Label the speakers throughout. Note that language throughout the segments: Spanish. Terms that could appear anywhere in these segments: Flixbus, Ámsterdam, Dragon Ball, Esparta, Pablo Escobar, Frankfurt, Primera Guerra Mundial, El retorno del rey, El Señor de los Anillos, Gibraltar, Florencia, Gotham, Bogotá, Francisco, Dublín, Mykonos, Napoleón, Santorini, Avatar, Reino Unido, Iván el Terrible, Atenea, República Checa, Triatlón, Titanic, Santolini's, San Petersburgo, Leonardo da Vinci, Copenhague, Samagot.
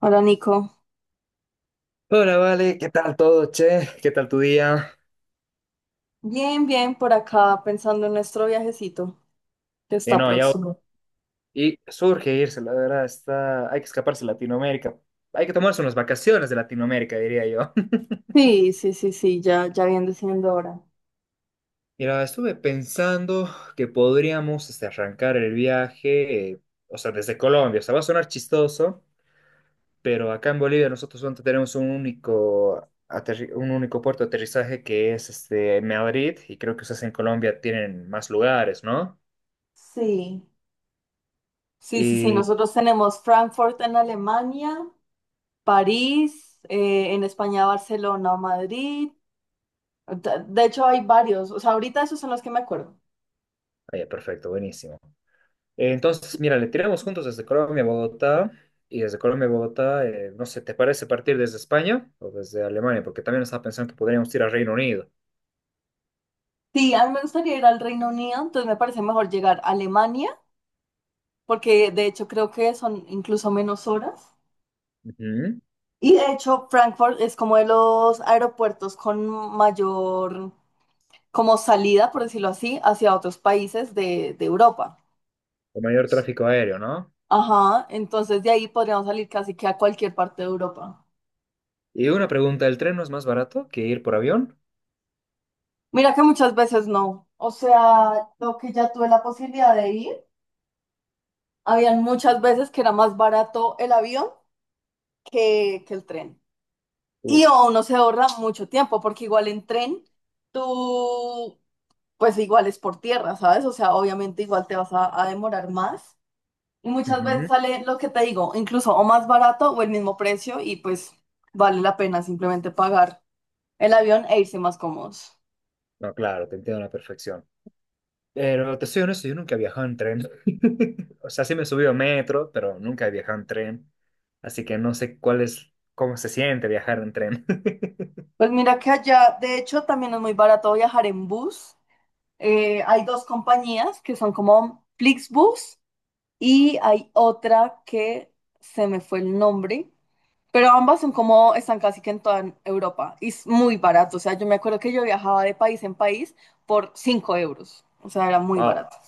Speaker 1: Hola Nico,
Speaker 2: Hola, Vale, ¿qué tal todo, che? ¿Qué tal tu día?
Speaker 1: bien, bien por acá pensando en nuestro viajecito que
Speaker 2: Y
Speaker 1: está
Speaker 2: no, ya.
Speaker 1: próximo.
Speaker 2: Y surge irse, la verdad, está hay que escaparse de Latinoamérica. Hay que tomarse unas vacaciones de Latinoamérica, diría yo.
Speaker 1: Sí, sí, sí, sí, ya, ya viene siendo hora.
Speaker 2: Mira, estuve pensando que podríamos este, arrancar el viaje, o sea, desde Colombia. O sea, va a sonar chistoso, pero acá en Bolivia nosotros solamente tenemos un único, un único puerto de aterrizaje que es este, Madrid, y creo que ustedes en Colombia tienen más lugares, ¿no?
Speaker 1: Sí, sí, sí, sí,
Speaker 2: Y.
Speaker 1: nosotros tenemos Frankfurt en Alemania, París, en España Barcelona o Madrid. De hecho hay varios, o sea, ahorita esos son los que me acuerdo.
Speaker 2: Ah, ya, perfecto, buenísimo. Entonces, mira, le tiramos juntos desde Colombia a Bogotá y desde Colombia a Bogotá, no sé, ¿te parece partir desde España o desde Alemania? Porque también estaba pensando que podríamos ir al Reino Unido.
Speaker 1: Sí, a mí me gustaría ir al Reino Unido, entonces me parece mejor llegar a Alemania, porque de hecho creo que son incluso menos horas.
Speaker 2: Ujú.
Speaker 1: Y de hecho, Frankfurt es como de los aeropuertos con mayor, como salida, por decirlo así, hacia otros países de Europa.
Speaker 2: Con mayor tráfico aéreo, ¿no?
Speaker 1: Ajá, entonces de ahí podríamos salir casi que a cualquier parte de Europa.
Speaker 2: Y una pregunta, ¿el tren no es más barato que ir por avión?
Speaker 1: Mira que muchas veces no. O sea, lo que ya tuve la posibilidad de ir, habían muchas veces que era más barato el avión que el tren.
Speaker 2: Uf.
Speaker 1: Y o uno se ahorra mucho tiempo, porque igual en tren, tú pues igual es por tierra, ¿sabes? O sea, obviamente igual te vas a demorar más. Y muchas veces
Speaker 2: Ujú.
Speaker 1: sale lo que te digo, incluso o más barato o el mismo precio y pues vale la pena simplemente pagar el avión e irse más cómodos.
Speaker 2: No, claro, te entiendo a la perfección. Pero te soy honesto, yo nunca he viajado en tren. O sea, sí me he subido a metro, pero nunca he viajado en tren. Así que no sé cuál es, cómo se siente viajar en tren.
Speaker 1: Pues mira que allá, de hecho, también es muy barato viajar en bus. Hay dos compañías que son como Flixbus y hay otra que se me fue el nombre. Pero ambas son como, están casi que en toda Europa y es muy barato. O sea, yo me acuerdo que yo viajaba de país en país por 5 euros. O sea, era muy barato.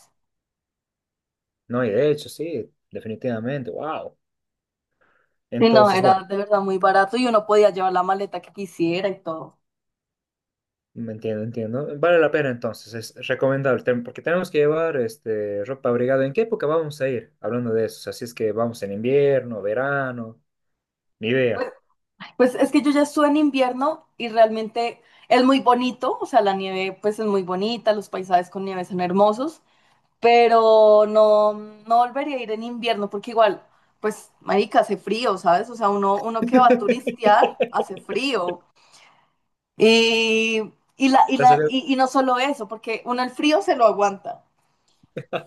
Speaker 2: No, y de hecho, sí, definitivamente, wow.
Speaker 1: Sí, no,
Speaker 2: Entonces,
Speaker 1: era
Speaker 2: bueno,
Speaker 1: de verdad muy barato y uno podía llevar la maleta que quisiera y todo.
Speaker 2: me entiendo, entiendo. Vale la pena entonces, es recomendable, porque tenemos que llevar este, ropa abrigada. ¿En qué época vamos a ir? Hablando de eso, así es que vamos en invierno, verano, ni idea.
Speaker 1: Pues, pues es que yo ya estuve en invierno y realmente es muy bonito. O sea, la nieve pues es muy bonita, los paisajes con nieve son hermosos, pero no, no volvería a ir en invierno porque igual, pues, marica, hace frío, ¿sabes? O sea, uno que va a turistear hace frío. Y, y la, y,
Speaker 2: Te ha
Speaker 1: la,
Speaker 2: salido,
Speaker 1: y, y no solo eso, porque uno el frío se lo aguanta,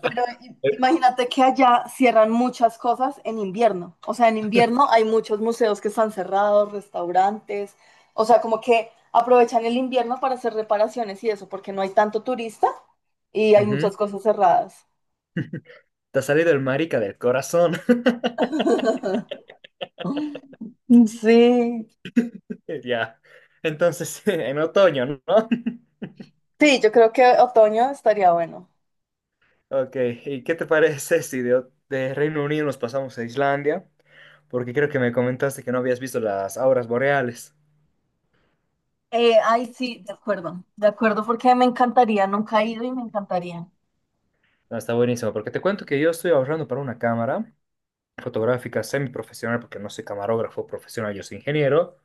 Speaker 1: pero imagínate que allá cierran muchas cosas en invierno. O sea, en invierno hay muchos museos que están cerrados, restaurantes, o sea, como que aprovechan el invierno para hacer reparaciones y eso, porque no hay tanto turista y hay
Speaker 2: Ujú.
Speaker 1: muchas cosas cerradas.
Speaker 2: Te ha salido el marica del corazón.
Speaker 1: Sí,
Speaker 2: Ya. Entonces, en otoño, ¿no?
Speaker 1: sí, yo creo que otoño estaría bueno.
Speaker 2: Ok, ¿y qué te parece si de, de Reino Unido nos pasamos a Islandia? Porque creo que me comentaste que no habías visto las auras boreales.
Speaker 1: Ay, sí, de acuerdo, porque me encantaría, nunca he ido y me encantaría.
Speaker 2: Ah, está buenísimo, porque te cuento que yo estoy ahorrando para una cámara fotográfica semiprofesional, porque no soy camarógrafo profesional, yo soy ingeniero,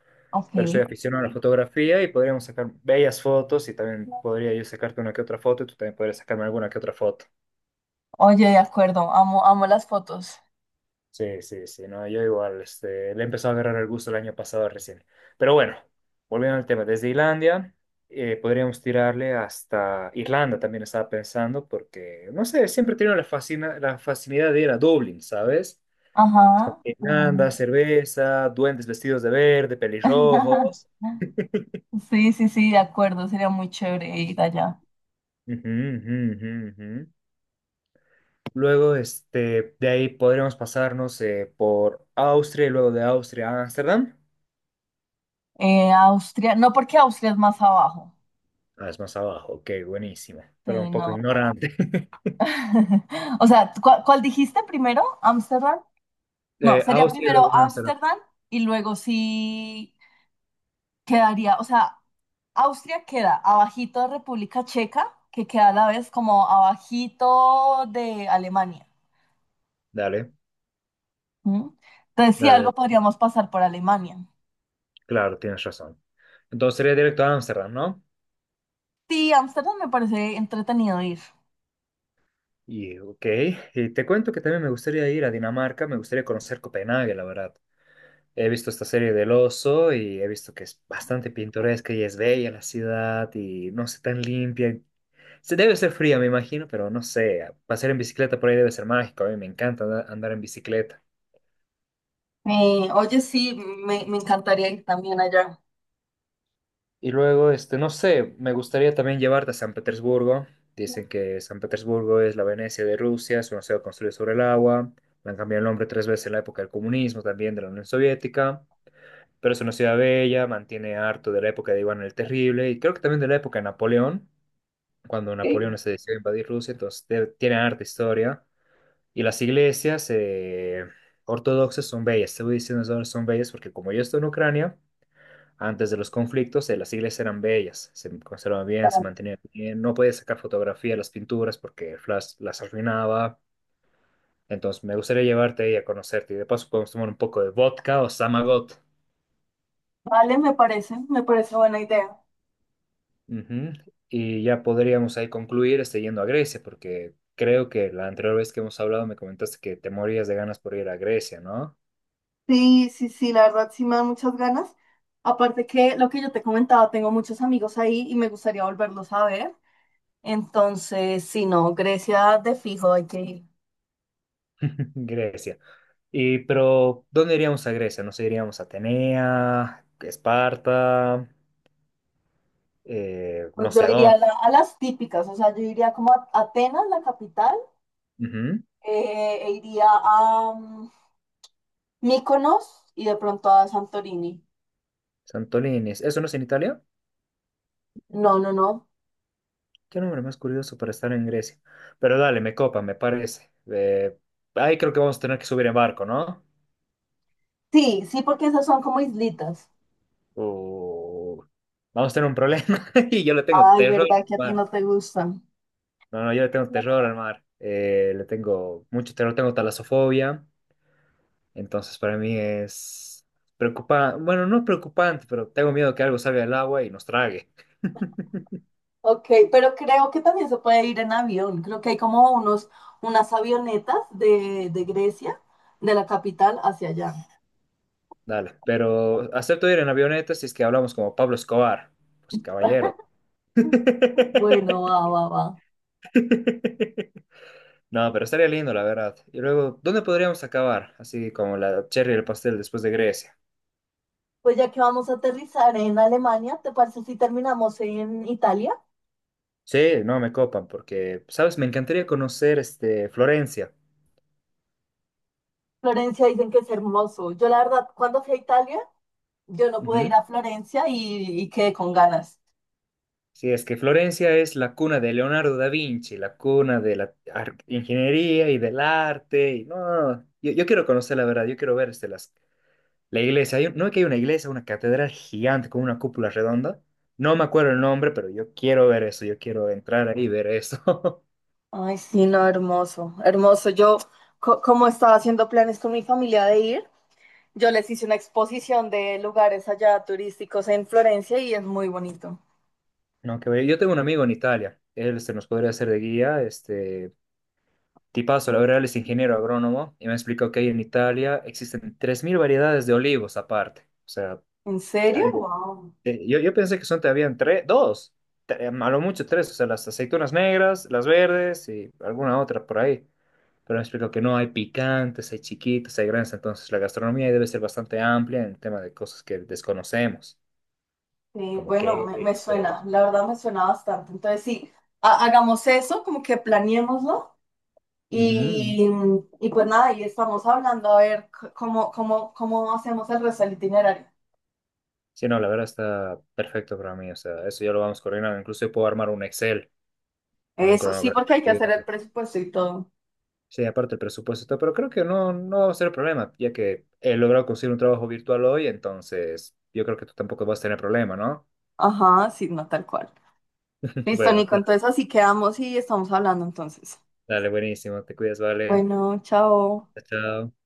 Speaker 2: pero
Speaker 1: Ok.
Speaker 2: soy aficionado a la fotografía y podríamos sacar bellas fotos y también podría yo sacarte una que otra foto y tú también podrías sacarme alguna que otra foto.
Speaker 1: Oye, de acuerdo, amo, amo las fotos.
Speaker 2: Sí, sí, sí, no, yo igual, este, le he empezado a agarrar el gusto el año pasado recién. Pero bueno, volviendo al tema, desde Islandia podríamos tirarle hasta Irlanda, también estaba pensando, porque, no sé, siempre he tenido la, fascina, la facilidad de ir a Dublín, ¿sabes? Es como
Speaker 1: Ajá.
Speaker 2: que Irlanda,
Speaker 1: Mm.
Speaker 2: cerveza, duendes vestidos de verde, pelirrojos.
Speaker 1: Sí, sí, sí, de acuerdo, sería muy chévere ir allá.
Speaker 2: Ujú, ujú, ujú, ujú. Luego, este, de ahí podríamos pasarnos por Austria y luego de Austria a Ámsterdam.
Speaker 1: Austria, no porque Austria es más abajo.
Speaker 2: Ah, es más abajo. Ok, buenísimo.
Speaker 1: Sí,
Speaker 2: Pero un poco
Speaker 1: no.
Speaker 2: ignorante.
Speaker 1: O sea, cuál dijiste primero? ¿Ámsterdam? No, sería
Speaker 2: Austria y luego
Speaker 1: primero
Speaker 2: Ámsterdam.
Speaker 1: Ámsterdam y luego sí quedaría, o sea, Austria queda abajito de República Checa, que queda a la vez como abajito de Alemania.
Speaker 2: Dale,
Speaker 1: Ujú. Entonces, si
Speaker 2: dale.
Speaker 1: algo podríamos pasar por Alemania.
Speaker 2: Claro, tienes razón. Entonces sería directo a Ámsterdam, ¿no?
Speaker 1: Sí, Ámsterdam me parece entretenido ir.
Speaker 2: Y, ok. Y te cuento que también me gustaría ir a Dinamarca. Me gustaría conocer Copenhague, la verdad. He visto esta serie del oso y he visto que es bastante pintoresca y es bella la ciudad y no sé, tan limpia. Se debe ser fría, me imagino, pero no sé. Pasar en bicicleta por ahí debe ser mágico. A mí me encanta andar en bicicleta.
Speaker 1: Oye, sí, me encantaría ir también allá.
Speaker 2: Y luego, este, no sé, me gustaría también llevarte a San Petersburgo. Dicen que San Petersburgo es la Venecia de Rusia, es una ciudad construida sobre el agua. Le han cambiado el nombre tres veces en la época del comunismo, también de la Unión Soviética. Pero es una ciudad bella, mantiene harto de la época de Iván el Terrible y creo que también de la época de Napoleón, cuando
Speaker 1: Ok.
Speaker 2: Napoleón se decidió a invadir Rusia, entonces tiene harta historia. Y las iglesias ortodoxas son bellas, te voy diciendo son bellas porque como yo estoy en Ucrania, antes de los conflictos, las iglesias eran bellas, se conservaban bien, se mantenían bien. No podías sacar fotografía de las pinturas porque el flash las arruinaba. Entonces, me gustaría llevarte ahí a conocerte. Y de paso, podemos tomar un poco de vodka o Samagot.
Speaker 1: Vale, me parece buena idea.
Speaker 2: Ujú. Y ya podríamos ahí concluir este, yendo a Grecia, porque creo que la anterior vez que hemos hablado me comentaste que te morías de ganas por ir a Grecia, ¿no?
Speaker 1: Sí, sí, sí, la verdad sí me dan muchas ganas. Aparte que lo que yo te comentaba, tengo muchos amigos ahí y me gustaría volverlos a ver. Entonces, si no, Grecia de fijo hay que ir.
Speaker 2: Grecia. Y, pero, ¿dónde iríamos a Grecia? No sé, iríamos a Atenea, Esparta,
Speaker 1: Pues
Speaker 2: no
Speaker 1: yo
Speaker 2: sé a
Speaker 1: iría a,
Speaker 2: dónde.
Speaker 1: a las típicas, o sea, yo iría como a Atenas, la capital,
Speaker 2: Ujú,
Speaker 1: e iría a, Mykonos y de pronto a Santorini.
Speaker 2: Santolini's. ¿Eso no es en Italia?
Speaker 1: No, no, no.
Speaker 2: Qué nombre más curioso para estar en Grecia. Pero dale, me copa, me parece. Ahí creo que vamos a tener que subir en barco, ¿no?
Speaker 1: Sí, sí, porque esas son como islitas.
Speaker 2: O vamos a tener un problema. Y yo le tengo
Speaker 1: Ay,
Speaker 2: terror al
Speaker 1: ¿verdad que a ti no
Speaker 2: mar.
Speaker 1: te gustan?
Speaker 2: No, no, yo le tengo terror al mar. Le tengo mucho terror, tengo talasofobia. Entonces para mí es preocupante. Bueno, no preocupante, pero tengo miedo que algo salga del agua y nos trague.
Speaker 1: Ok, pero creo que también se puede ir en avión. Creo que hay como unos, unas avionetas de Grecia, de la capital hacia allá.
Speaker 2: Dale, pero acepto ir en avioneta si es que hablamos como Pablo Escobar. Pues caballero.
Speaker 1: Bueno, va, va, va.
Speaker 2: No, pero estaría lindo, la verdad. Y luego, ¿dónde podríamos acabar? Así como la cherry y el pastel después de Grecia.
Speaker 1: Pues ya que vamos a aterrizar en Alemania, ¿te parece si terminamos en Italia?
Speaker 2: Sí, no me copan, porque, ¿sabes? Me encantaría conocer este, Florencia.
Speaker 1: Florencia dicen que es hermoso. Yo la verdad, cuando fui a Italia, yo no pude ir
Speaker 2: Ujú.
Speaker 1: a Florencia y quedé con ganas.
Speaker 2: Sí, es que Florencia es la cuna de Leonardo da Vinci, la cuna de la ingeniería y del arte. Y, no, no, no. Yo quiero conocer la verdad, yo quiero ver este, las la iglesia, no es que hay una iglesia, una catedral gigante con una cúpula redonda. No me acuerdo el nombre, pero yo quiero ver eso, yo quiero entrar ahí y ver eso.
Speaker 1: Ay, sí, no, hermoso, hermoso. Yo, como estaba haciendo planes con mi familia de ir, yo les hice una exposición de lugares allá turísticos en Florencia y es muy bonito.
Speaker 2: No, que ver. Yo tengo un amigo en Italia, él se nos podría hacer de guía, este tipazo, la verdad, él es ingeniero agrónomo y me explicó que ahí en Italia existen 3.000 variedades de olivos aparte. O sea,
Speaker 1: ¿En
Speaker 2: hay
Speaker 1: serio? Wow.
Speaker 2: yo, yo pensé que son todavía tres, dos, a lo mucho tres, o sea, las aceitunas negras, las verdes y alguna otra por ahí. Pero me explico que no, hay picantes, hay chiquitos, hay grandes, entonces la gastronomía debe ser bastante amplia en tema de cosas que desconocemos,
Speaker 1: Sí,
Speaker 2: como
Speaker 1: bueno, me suena,
Speaker 2: quesos.
Speaker 1: la verdad me suena bastante. Entonces, sí, hagamos eso, como que planeémoslo
Speaker 2: Ujú.
Speaker 1: y, y pues nada, ahí estamos hablando a ver cómo, cómo, cómo hacemos el resto del itinerario.
Speaker 2: Sí, no, la verdad está perfecto para mí, o sea, eso ya lo vamos coordinando, incluso yo puedo armar un Excel con un
Speaker 1: Eso, sí,
Speaker 2: cronograma de
Speaker 1: porque hay que hacer el
Speaker 2: actividades.
Speaker 1: presupuesto y todo.
Speaker 2: Sí, aparte el presupuesto, y todo, pero creo que no, no va a ser problema, ya que he logrado conseguir un trabajo virtual hoy, entonces yo creo que tú tampoco vas a tener problema, ¿no?
Speaker 1: Ajá, sí, no, tal cual. Listo,
Speaker 2: Bueno,
Speaker 1: Nico, entonces así quedamos y estamos hablando entonces.
Speaker 2: dale, buenísimo, te cuidas, vale.
Speaker 1: Bueno, chao.
Speaker 2: Chao. Chao.